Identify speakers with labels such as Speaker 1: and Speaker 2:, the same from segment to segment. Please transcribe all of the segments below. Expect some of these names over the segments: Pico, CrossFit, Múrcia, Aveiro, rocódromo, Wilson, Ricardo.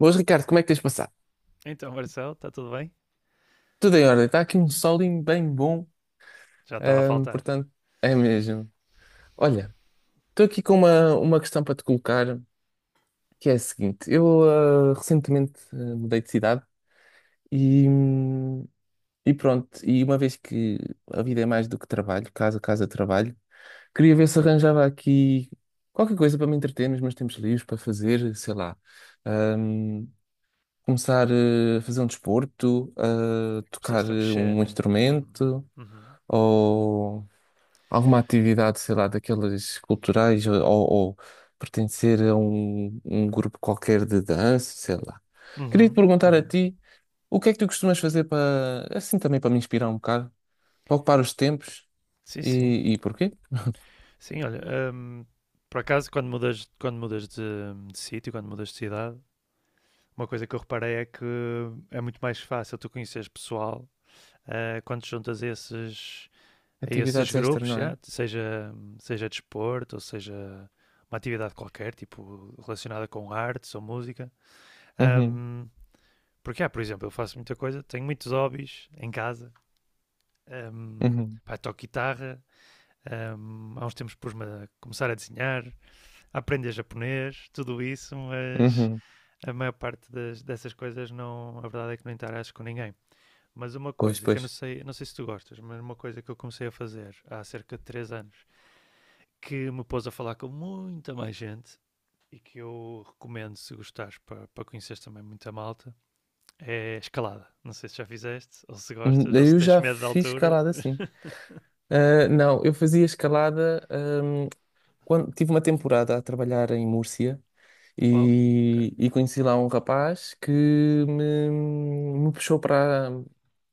Speaker 1: Boas, Ricardo, como é que tens passado?
Speaker 2: Então, Marcelo, está tudo bem?
Speaker 1: Tudo em ordem, está aqui um solinho bem bom,
Speaker 2: Já estava a faltar.
Speaker 1: portanto, é mesmo. Olha, estou aqui com uma questão para te colocar, que é a seguinte: eu recentemente mudei de cidade e, hum, e pronto, e uma vez que a vida é mais do que trabalho, casa, casa, trabalho, queria ver se arranjava aqui qualquer coisa para me entreter nos meus tempos livres, para fazer, sei lá, ahm, começar a fazer um desporto, a tocar
Speaker 2: Começaste a mexer,
Speaker 1: um
Speaker 2: né? Uhum.
Speaker 1: instrumento.
Speaker 2: Uhum.
Speaker 1: Ou alguma atividade, sei lá, daquelas culturais, ou pertencer a um grupo qualquer de dança, sei lá. Queria te
Speaker 2: Uhum.
Speaker 1: perguntar a
Speaker 2: Uhum.
Speaker 1: ti, o que é que tu costumas fazer para, assim também para me inspirar um bocado, para ocupar os tempos
Speaker 2: Sim, sim.
Speaker 1: e porquê?
Speaker 2: Sim, olha, hum, por acaso, quando mudas de sítio, quando mudas de cidade, uma coisa que eu reparei é que é muito mais fácil tu conheceres pessoal quando te juntas a esses
Speaker 1: Atividades extra,
Speaker 2: grupos,
Speaker 1: não é?
Speaker 2: já, seja, seja desporto ou seja uma atividade qualquer, tipo relacionada com artes ou música.
Speaker 1: Uhum,
Speaker 2: hum, Porque por exemplo, eu faço muita coisa, tenho muitos hobbies em casa. Hum,
Speaker 1: uhum,
Speaker 2: Pá, toco guitarra, há uns tempos pus-me a começar a desenhar, a aprender japonês, tudo isso, mas
Speaker 1: uhum.
Speaker 2: a maior parte dessas coisas não, a verdade é que não interage com ninguém. Mas uma
Speaker 1: Pois,
Speaker 2: coisa que eu
Speaker 1: pois.
Speaker 2: não sei, não sei se tu gostas, mas uma coisa que eu comecei a fazer há cerca de 3 anos, que me pôs a falar com muita mais gente e que eu recomendo se gostares para, para conheceres também muita malta, é escalada. Não sei se já fizeste, ou se
Speaker 1: Hum.
Speaker 2: gostas, ou se
Speaker 1: Eu
Speaker 2: tens
Speaker 1: já
Speaker 2: medo de
Speaker 1: fiz
Speaker 2: alturas.
Speaker 1: escalada, sim. Ah, não, eu fazia escalada, hum, quando tive uma temporada a trabalhar em Múrcia.
Speaker 2: Uau, ok.
Speaker 1: E conheci lá um rapaz que me puxou para,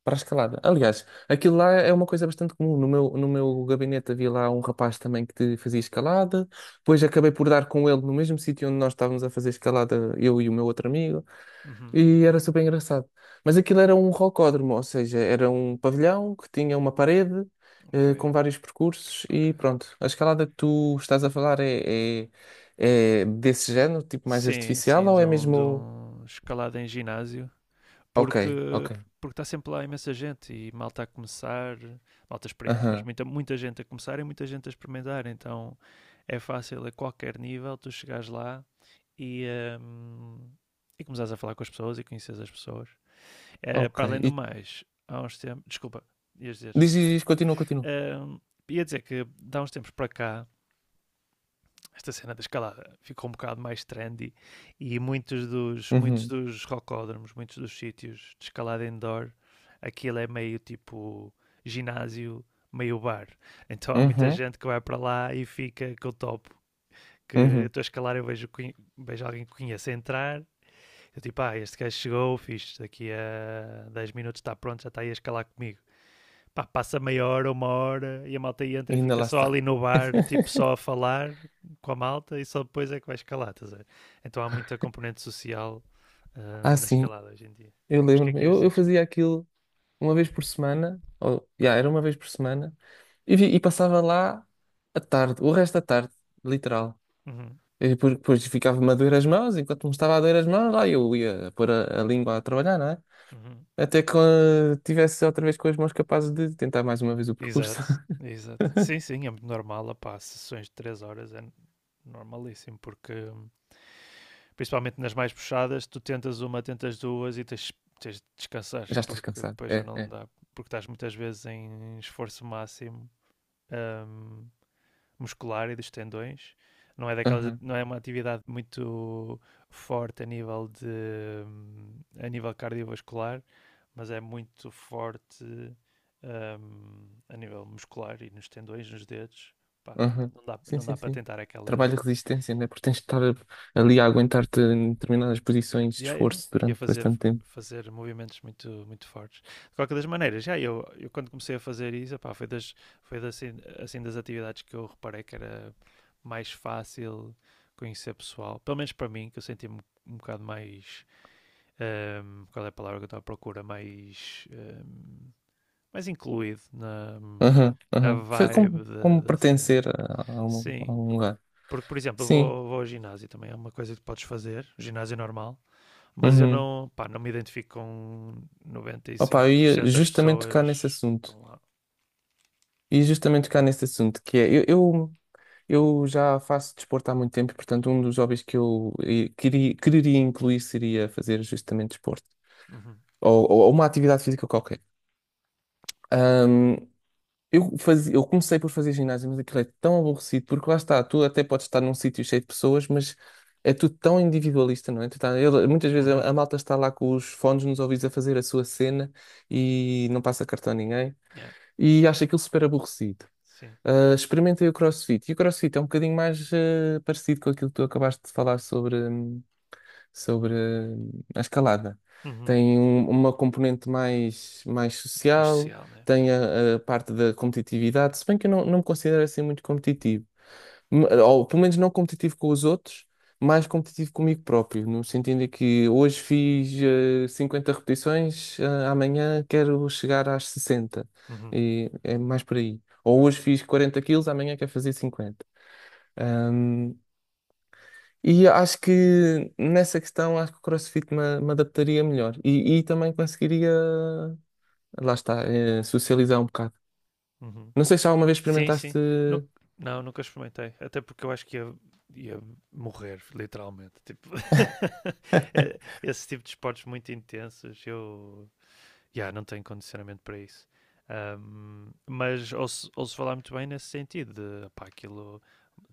Speaker 1: para a escalada. Aliás, aquilo lá é uma coisa bastante comum. No meu gabinete havia lá um rapaz também que fazia escalada. Depois acabei por dar com ele no mesmo sítio onde nós estávamos a fazer escalada, eu e o meu outro amigo.
Speaker 2: Uhum,
Speaker 1: E era super engraçado. Mas aquilo era um rocódromo, ou seja, era um pavilhão que tinha uma parede
Speaker 2: ok,
Speaker 1: com vários percursos
Speaker 2: ok.
Speaker 1: e pronto. A escalada que tu estás a falar é desse género, tipo mais
Speaker 2: Sim,
Speaker 1: artificial,
Speaker 2: sim,
Speaker 1: ou é
Speaker 2: de
Speaker 1: mesmo.
Speaker 2: um escalada em ginásio,
Speaker 1: Ok,
Speaker 2: porque
Speaker 1: ok.
Speaker 2: porque está sempre lá imensa gente e malta a começar, malta experiente, mas
Speaker 1: Aham,
Speaker 2: muita, muita gente a começar e muita gente a experimentar, então é fácil a qualquer nível tu chegares lá e, hum, e começares a falar com as pessoas e conheces as pessoas. Eh,
Speaker 1: ok.
Speaker 2: para além do
Speaker 1: E
Speaker 2: mais, há uns tempos. Desculpa, ias dizer.
Speaker 1: diz, continua.
Speaker 2: Ahm, Ia dizer que de há uns tempos para cá, esta cena da escalada ficou um bocado mais trendy e muitos
Speaker 1: Uhum,
Speaker 2: dos rocódromos, muitos dos sítios de escalada indoor, aquilo é meio tipo ginásio, meio bar. Então há muita
Speaker 1: uhum,
Speaker 2: gente que vai para lá e fica com o topo. Que eu
Speaker 1: uhum.
Speaker 2: estou a escalar, eu vejo, vejo alguém que conheço a entrar. Eu tipo, ah, este gajo chegou, fiz daqui a 10 minutos está pronto, já está aí a escalar comigo. Pá, passa meia hora, uma hora e a malta
Speaker 1: E
Speaker 2: entra e
Speaker 1: ainda
Speaker 2: fica
Speaker 1: lá
Speaker 2: só
Speaker 1: está.
Speaker 2: ali no bar, tipo só a falar com a malta e só depois é que vai escalar, estás a ver? Então há muita componente social
Speaker 1: Ah,
Speaker 2: na
Speaker 1: sim,
Speaker 2: escalada hoje em dia.
Speaker 1: eu
Speaker 2: Mas o que é
Speaker 1: lembro-me.
Speaker 2: que ias
Speaker 1: Eu
Speaker 2: dizer? Desculpa.
Speaker 1: fazia aquilo uma vez por semana, ou, yeah, era uma vez por semana, e, e passava lá a tarde, o resto da tarde, literal.
Speaker 2: Uhum,
Speaker 1: E depois ficava-me a doer as mãos, enquanto me estava a doer as mãos, lá eu ia pôr a língua a trabalhar, não é?
Speaker 2: uhum.
Speaker 1: Até que tivesse outra vez com as mãos capazes de tentar mais uma vez o percurso.
Speaker 2: Exato, exato. Sim, sim, é muito normal, opá, sessões de 3 horas é normalíssimo, porque principalmente nas mais puxadas, tu tentas uma, tentas duas e tens, tens de descansar,
Speaker 1: Já estás
Speaker 2: porque
Speaker 1: cansado,
Speaker 2: depois já
Speaker 1: é,
Speaker 2: não
Speaker 1: é.
Speaker 2: dá, porque estás muitas vezes em esforço máximo. hum, Muscular e dos tendões. Não é, daquelas,
Speaker 1: Aham,
Speaker 2: não é uma atividade muito forte a nível, de, a nível cardiovascular, mas é muito forte a nível muscular e nos tendões, nos dedos. Pá, não,
Speaker 1: aham.
Speaker 2: não, dá,
Speaker 1: Sim,
Speaker 2: não
Speaker 1: sim,
Speaker 2: dá para
Speaker 1: sim.
Speaker 2: tentar
Speaker 1: Trabalho
Speaker 2: aquelas.
Speaker 1: de resistência, não é? Porque tens de estar ali a aguentar-te em determinadas posições de
Speaker 2: Yeah, yeah, yeah.
Speaker 1: esforço
Speaker 2: Ia
Speaker 1: durante
Speaker 2: fazer,
Speaker 1: bastante tempo.
Speaker 2: fazer movimentos muito, muito fortes. De qualquer das maneiras, já eu, quando comecei a fazer isso, epá, foi das, assim, assim das atividades que eu reparei que era mais fácil conhecer pessoal. Pelo menos para mim, que eu senti-me um bocado mais. Qual é a palavra que eu estava à procura? Mais. Mais incluído na,
Speaker 1: Aham,
Speaker 2: na
Speaker 1: aham. Foi
Speaker 2: vibe
Speaker 1: como,
Speaker 2: da,
Speaker 1: como
Speaker 2: da cena.
Speaker 1: pertencer a, a um, a
Speaker 2: Sim.
Speaker 1: um lugar.
Speaker 2: Porque, por exemplo, eu
Speaker 1: Sim.
Speaker 2: vou, vou ao ginásio também, é uma coisa que podes fazer, o ginásio normal, mas eu
Speaker 1: Uhum.
Speaker 2: não, pá, não me identifico com noventa e
Speaker 1: Opa,
Speaker 2: cinco
Speaker 1: eu
Speaker 2: por
Speaker 1: ia
Speaker 2: cento das
Speaker 1: justamente tocar
Speaker 2: pessoas
Speaker 1: nesse
Speaker 2: que
Speaker 1: assunto.
Speaker 2: estão lá.
Speaker 1: E justamente tocar nesse assunto, que é, eu já faço desporto há muito tempo, e, portanto, um dos hobbies que eu quereria incluir seria fazer justamente desporto.
Speaker 2: Uhum.
Speaker 1: Ou uma atividade física qualquer. Eu comecei por fazer ginásio, mas aquilo é tão aborrecido, porque lá está, tu até podes estar num sítio cheio de pessoas, mas é tudo tão individualista, não é? Muitas vezes a
Speaker 2: Uhum.
Speaker 1: malta está lá com os fones nos ouvidos a fazer a sua cena e não passa cartão a ninguém
Speaker 2: Yeah.
Speaker 1: e acha aquilo super aborrecido.
Speaker 2: Sim.
Speaker 1: Ah, experimentei o CrossFit e o CrossFit é um bocadinho mais parecido com aquilo que tu acabaste de falar sobre. Sobre a escalada.
Speaker 2: Uhum.
Speaker 1: Tem uma componente mais
Speaker 2: Mais
Speaker 1: social,
Speaker 2: social, né?
Speaker 1: tem
Speaker 2: Yeah.
Speaker 1: a parte da competitividade, se bem que eu não me considero assim muito competitivo, ou pelo menos não competitivo com os outros, mais competitivo comigo próprio, no sentido de que hoje fiz 50 repetições, amanhã quero chegar às 60,
Speaker 2: Uhum.
Speaker 1: e é mais por aí. Ou hoje fiz 40 kg, amanhã quero fazer 50, e acho que nessa questão, acho que o CrossFit me adaptaria melhor e também conseguiria, lá está, socializar um bocado.
Speaker 2: Uhum.
Speaker 1: Não sei se alguma vez
Speaker 2: Sim, sim.
Speaker 1: experimentaste.
Speaker 2: Nu- não, nunca experimentei. Até porque eu acho que ia, ia morrer, literalmente. Tipo, esse tipo de esportes muito intensos, eu yeah, não tenho condicionamento para isso. Mas ouço, ouço falar muito bem nesse sentido de pá, aquilo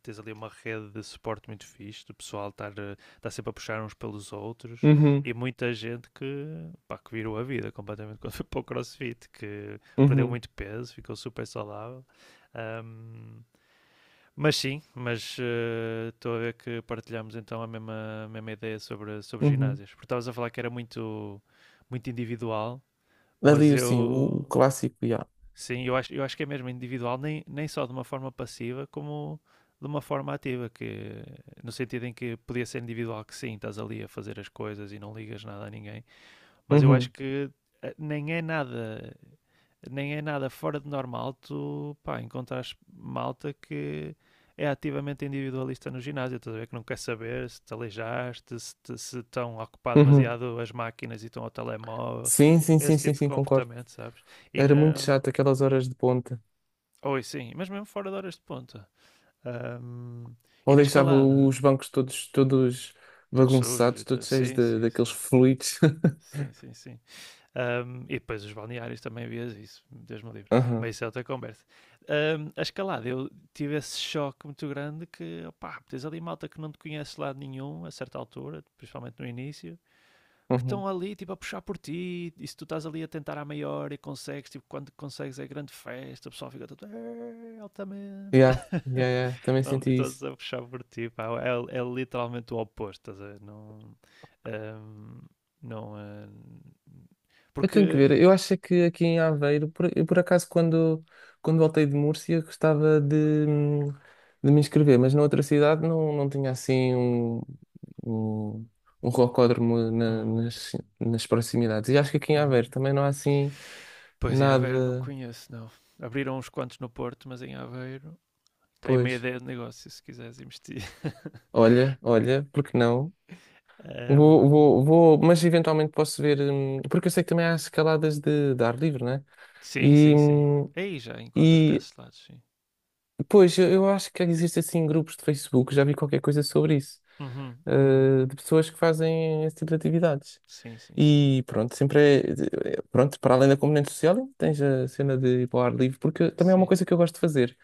Speaker 2: tens ali uma rede de suporte muito fixe, do pessoal estar, estar sempre a puxar uns pelos outros
Speaker 1: Uhum,
Speaker 2: e muita gente que, pá, que virou a vida completamente quando foi para o CrossFit, que perdeu
Speaker 1: uhum,
Speaker 2: muito peso, ficou super saudável. Ahm, mas sim, mas estou a ver que partilhamos então a mesma ideia sobre, sobre
Speaker 1: uhum.
Speaker 2: ginásios. Porque estavas a falar que era muito, muito individual,
Speaker 1: Ali,
Speaker 2: mas
Speaker 1: assim, o
Speaker 2: eu.
Speaker 1: clássico, já.
Speaker 2: Sim, eu acho que é mesmo individual, nem, nem só de uma forma passiva, como de uma forma ativa, que no sentido em que podia ser individual que sim, estás ali a fazer as coisas e não ligas nada a ninguém, mas eu acho
Speaker 1: Uhum,
Speaker 2: que nem é nada, nem é nada fora de normal tu, pá, encontrares malta que é ativamente individualista no ginásio, estás a ver que não quer saber se te aleijaste, se estão a ocupar
Speaker 1: uhum.
Speaker 2: demasiado as máquinas e estão ao telemóvel,
Speaker 1: Sim, sim, sim,
Speaker 2: esse
Speaker 1: sim,
Speaker 2: tipo de
Speaker 1: sim, concordo.
Speaker 2: comportamento, sabes? E
Speaker 1: Era muito
Speaker 2: na.
Speaker 1: chato aquelas horas de ponta.
Speaker 2: Oi, sim, mas mesmo fora de horas de ponta. Ahm, e
Speaker 1: Ou
Speaker 2: na
Speaker 1: deixava
Speaker 2: escalada,
Speaker 1: os bancos todos
Speaker 2: todos sujos e
Speaker 1: bagunçados,
Speaker 2: tudo.
Speaker 1: todos cheios
Speaker 2: Sim,
Speaker 1: de,
Speaker 2: sim,
Speaker 1: daqueles
Speaker 2: sim.
Speaker 1: fluidos.
Speaker 2: Sim, sim, sim. E depois os balneários também vias isso, Deus me livre.
Speaker 1: Aham,
Speaker 2: Mas isso é outra conversa. A escalada, eu tive esse choque muito grande que, opá, tens ali malta que não te conhece de lado nenhum, a certa altura, principalmente no início, que
Speaker 1: uhum.
Speaker 2: estão ali, tipo, a puxar por ti, e se tu estás ali a tentar à maior e consegues, tipo, quando consegues é grande festa, o pessoal fica todo, "Eh, altamente."
Speaker 1: Yeah, yeah, yeah, também
Speaker 2: Pronto,
Speaker 1: senti
Speaker 2: todos
Speaker 1: isso.
Speaker 2: a puxar por ti, pá. É, é literalmente o oposto, estás a ver? Não. hum, não.
Speaker 1: Eu
Speaker 2: Porque.
Speaker 1: tenho que ver. Eu acho é que aqui em Aveiro, eu por acaso, quando voltei de Múrcia, gostava hum, de me inscrever, mas na outra cidade não tinha assim um, um rocódromo na-
Speaker 2: Uhum,
Speaker 1: nas, nas proximidades. E acho que aqui em Aveiro
Speaker 2: uhum.
Speaker 1: também não há assim
Speaker 2: Pois em Aveiro não
Speaker 1: nada.
Speaker 2: conheço, não. Abriram uns quantos no Porto, mas em Aveiro. Tem meia
Speaker 1: Pois,
Speaker 2: ideia de negócio se quiseres investir.
Speaker 1: olha, porque não? Vou,
Speaker 2: Hum,
Speaker 1: vou, vou, mas eventualmente posso ver, porque eu sei que também há escaladas de ar livre, né?
Speaker 2: sim,
Speaker 1: E,
Speaker 2: sim, sim.
Speaker 1: hum,
Speaker 2: Aí já encontras para
Speaker 1: e
Speaker 2: esses lados, sim.
Speaker 1: pois, eu acho que existem assim grupos de Facebook, já vi qualquer coisa sobre isso,
Speaker 2: Uhum, uhum.
Speaker 1: de pessoas que fazem esse tipo de atividades.
Speaker 2: Sim, sim, sim.
Speaker 1: E pronto, sempre pronto, para além da componente social, tens a cena de ir para o ar livre, porque também é uma
Speaker 2: Sim.
Speaker 1: coisa que eu gosto de fazer.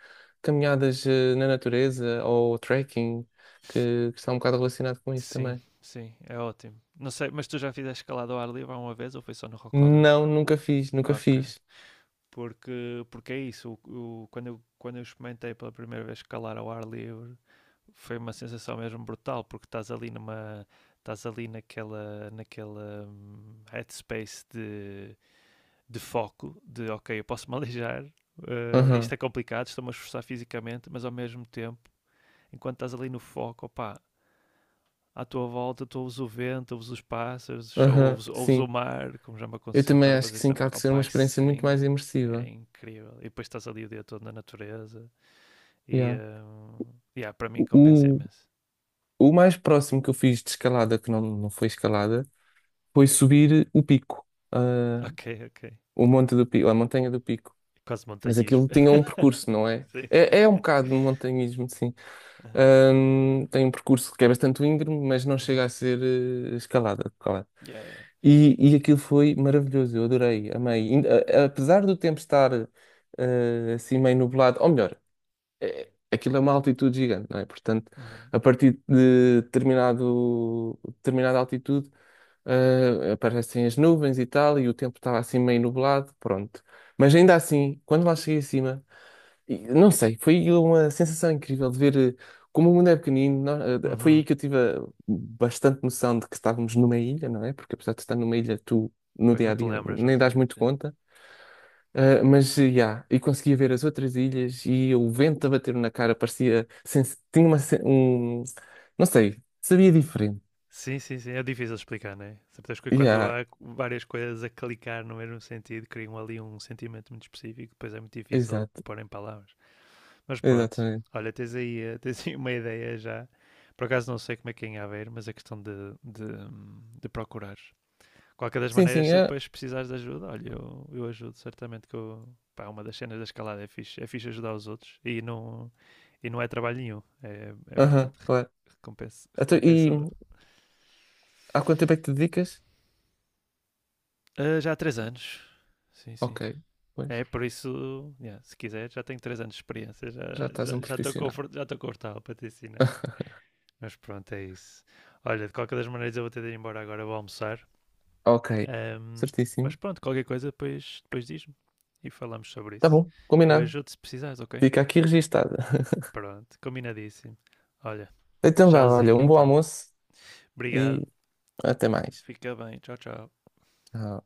Speaker 1: Caminhadas, na natureza ou trekking, que está um bocado relacionado com isso
Speaker 2: Sim,
Speaker 1: também.
Speaker 2: sim, é ótimo. Não sei, mas tu já fizeste escalada ao ar livre uma vez ou foi só no Rocódromo?
Speaker 1: Não, nunca fiz, nunca
Speaker 2: Ok.
Speaker 1: fiz.
Speaker 2: Porque, porque é isso, quando eu experimentei pela primeira vez escalar ao ar livre, foi uma sensação mesmo brutal, porque estás ali numa, estás ali naquela, naquela headspace de foco, de ok, eu posso me aleijar, eh, isto
Speaker 1: Aham,
Speaker 2: é complicado, estou-me a esforçar fisicamente, mas ao mesmo tempo, enquanto estás ali no foco, opá, à tua volta, tu ouves o vento, ouves os pássaros,
Speaker 1: aham,
Speaker 2: ouves, ouves o
Speaker 1: sim.
Speaker 2: mar, como já me
Speaker 1: Eu
Speaker 2: aconteceu
Speaker 1: também
Speaker 2: estar a
Speaker 1: acho
Speaker 2: fazer
Speaker 1: que
Speaker 2: isso
Speaker 1: sim,
Speaker 2: na
Speaker 1: que há
Speaker 2: praia.
Speaker 1: de
Speaker 2: Oh,
Speaker 1: ser uma
Speaker 2: pai,
Speaker 1: experiência muito
Speaker 2: sem,
Speaker 1: mais
Speaker 2: é
Speaker 1: imersiva.
Speaker 2: incrível. E depois estás ali o dia todo na natureza e
Speaker 1: Yeah.
Speaker 2: yeah, para mim compensa
Speaker 1: O,
Speaker 2: imenso.
Speaker 1: O mais próximo que eu fiz de escalada, que não foi escalada, foi subir o pico, ah,
Speaker 2: Ok, ok.
Speaker 1: o monte do pico, a montanha do pico.
Speaker 2: Quase
Speaker 1: Mas
Speaker 2: montanhismo.
Speaker 1: aquilo tinha um percurso, não é?
Speaker 2: Sim.
Speaker 1: É, é um bocado de montanhismo, sim.
Speaker 2: Uhum.
Speaker 1: Tem um percurso que é bastante íngreme, mas não chega
Speaker 2: Uhum.
Speaker 1: a ser escalada, claro.
Speaker 2: Yeah, yeah.
Speaker 1: E aquilo foi maravilhoso, eu adorei, amei. Apesar do tempo estar assim meio nublado, ou melhor, é, aquilo é uma altitude gigante, não é? Portanto,
Speaker 2: Uhum.
Speaker 1: a partir de determinada altitude, aparecem as nuvens e tal, e o tempo estava assim meio nublado, pronto. Mas ainda assim, quando lá cheguei acima, e não sei, foi uma sensação incrível de ver como o mundo é pequenino. Foi aí
Speaker 2: Uhum.
Speaker 1: que eu tive bastante noção de que estávamos numa ilha, não é? Porque apesar de estar numa ilha, tu no
Speaker 2: Pois
Speaker 1: dia
Speaker 2: não
Speaker 1: a
Speaker 2: te
Speaker 1: dia
Speaker 2: lembras, não
Speaker 1: nem
Speaker 2: te
Speaker 1: dás
Speaker 2: lembras.
Speaker 1: muito
Speaker 2: Yeah.
Speaker 1: conta. Ah, mas, yeah, e conseguia ver as outras ilhas e o vento a bater na cara parecia. Tinha uma. Um, não sei, sabia diferente.
Speaker 2: Sim, sim, sim. É difícil explicar, não é? Sabes que quando
Speaker 1: Yeah,
Speaker 2: há várias coisas a clicar no mesmo sentido, criam ali um sentimento muito específico, depois é muito difícil
Speaker 1: exato,
Speaker 2: pôr em palavras. Mas pronto,
Speaker 1: exatamente.
Speaker 2: olha, tens aí, eh, tens aí uma ideia já. Por acaso não sei como é que é em Aveiro, mas é questão de, de procurar. Qualquer das
Speaker 1: Sim,
Speaker 2: maneiras,
Speaker 1: sim,
Speaker 2: se
Speaker 1: é.
Speaker 2: depois precisares de ajuda, olha, eu ajudo, certamente que eu, pá, uma das cenas da escalada é fixe ajudar os outros e não é trabalho nenhum, é, é
Speaker 1: Aham,
Speaker 2: bastante
Speaker 1: claro.
Speaker 2: recompensa,
Speaker 1: Então, e
Speaker 2: recompensador.
Speaker 1: há quanto tempo é que te dedicas?
Speaker 2: Ah, já há 3 anos, sim, sim.
Speaker 1: Ok, pois,
Speaker 2: É, por isso, yeah, se quiser, já tenho 3 anos de experiência,
Speaker 1: já estás um
Speaker 2: já estou
Speaker 1: profissional.
Speaker 2: já estou confortável para te ensinar. Mas pronto, é isso. Olha, de qualquer das maneiras eu vou ter de ir embora agora, vou almoçar.
Speaker 1: Ok,
Speaker 2: Ahm,
Speaker 1: certíssimo.
Speaker 2: mas pronto, qualquer coisa depois, depois diz-me e falamos sobre
Speaker 1: Tá
Speaker 2: isso.
Speaker 1: bom,
Speaker 2: Eu
Speaker 1: combinado.
Speaker 2: ajudo se precisares, ok?
Speaker 1: Fica aqui registado.
Speaker 2: Pronto, combinadíssimo. Olha,
Speaker 1: Então vá, olha,
Speaker 2: tchauzinho
Speaker 1: um bom
Speaker 2: então.
Speaker 1: almoço
Speaker 2: Obrigado,
Speaker 1: e até mais.
Speaker 2: fica bem, tchau, tchau.
Speaker 1: Tchau.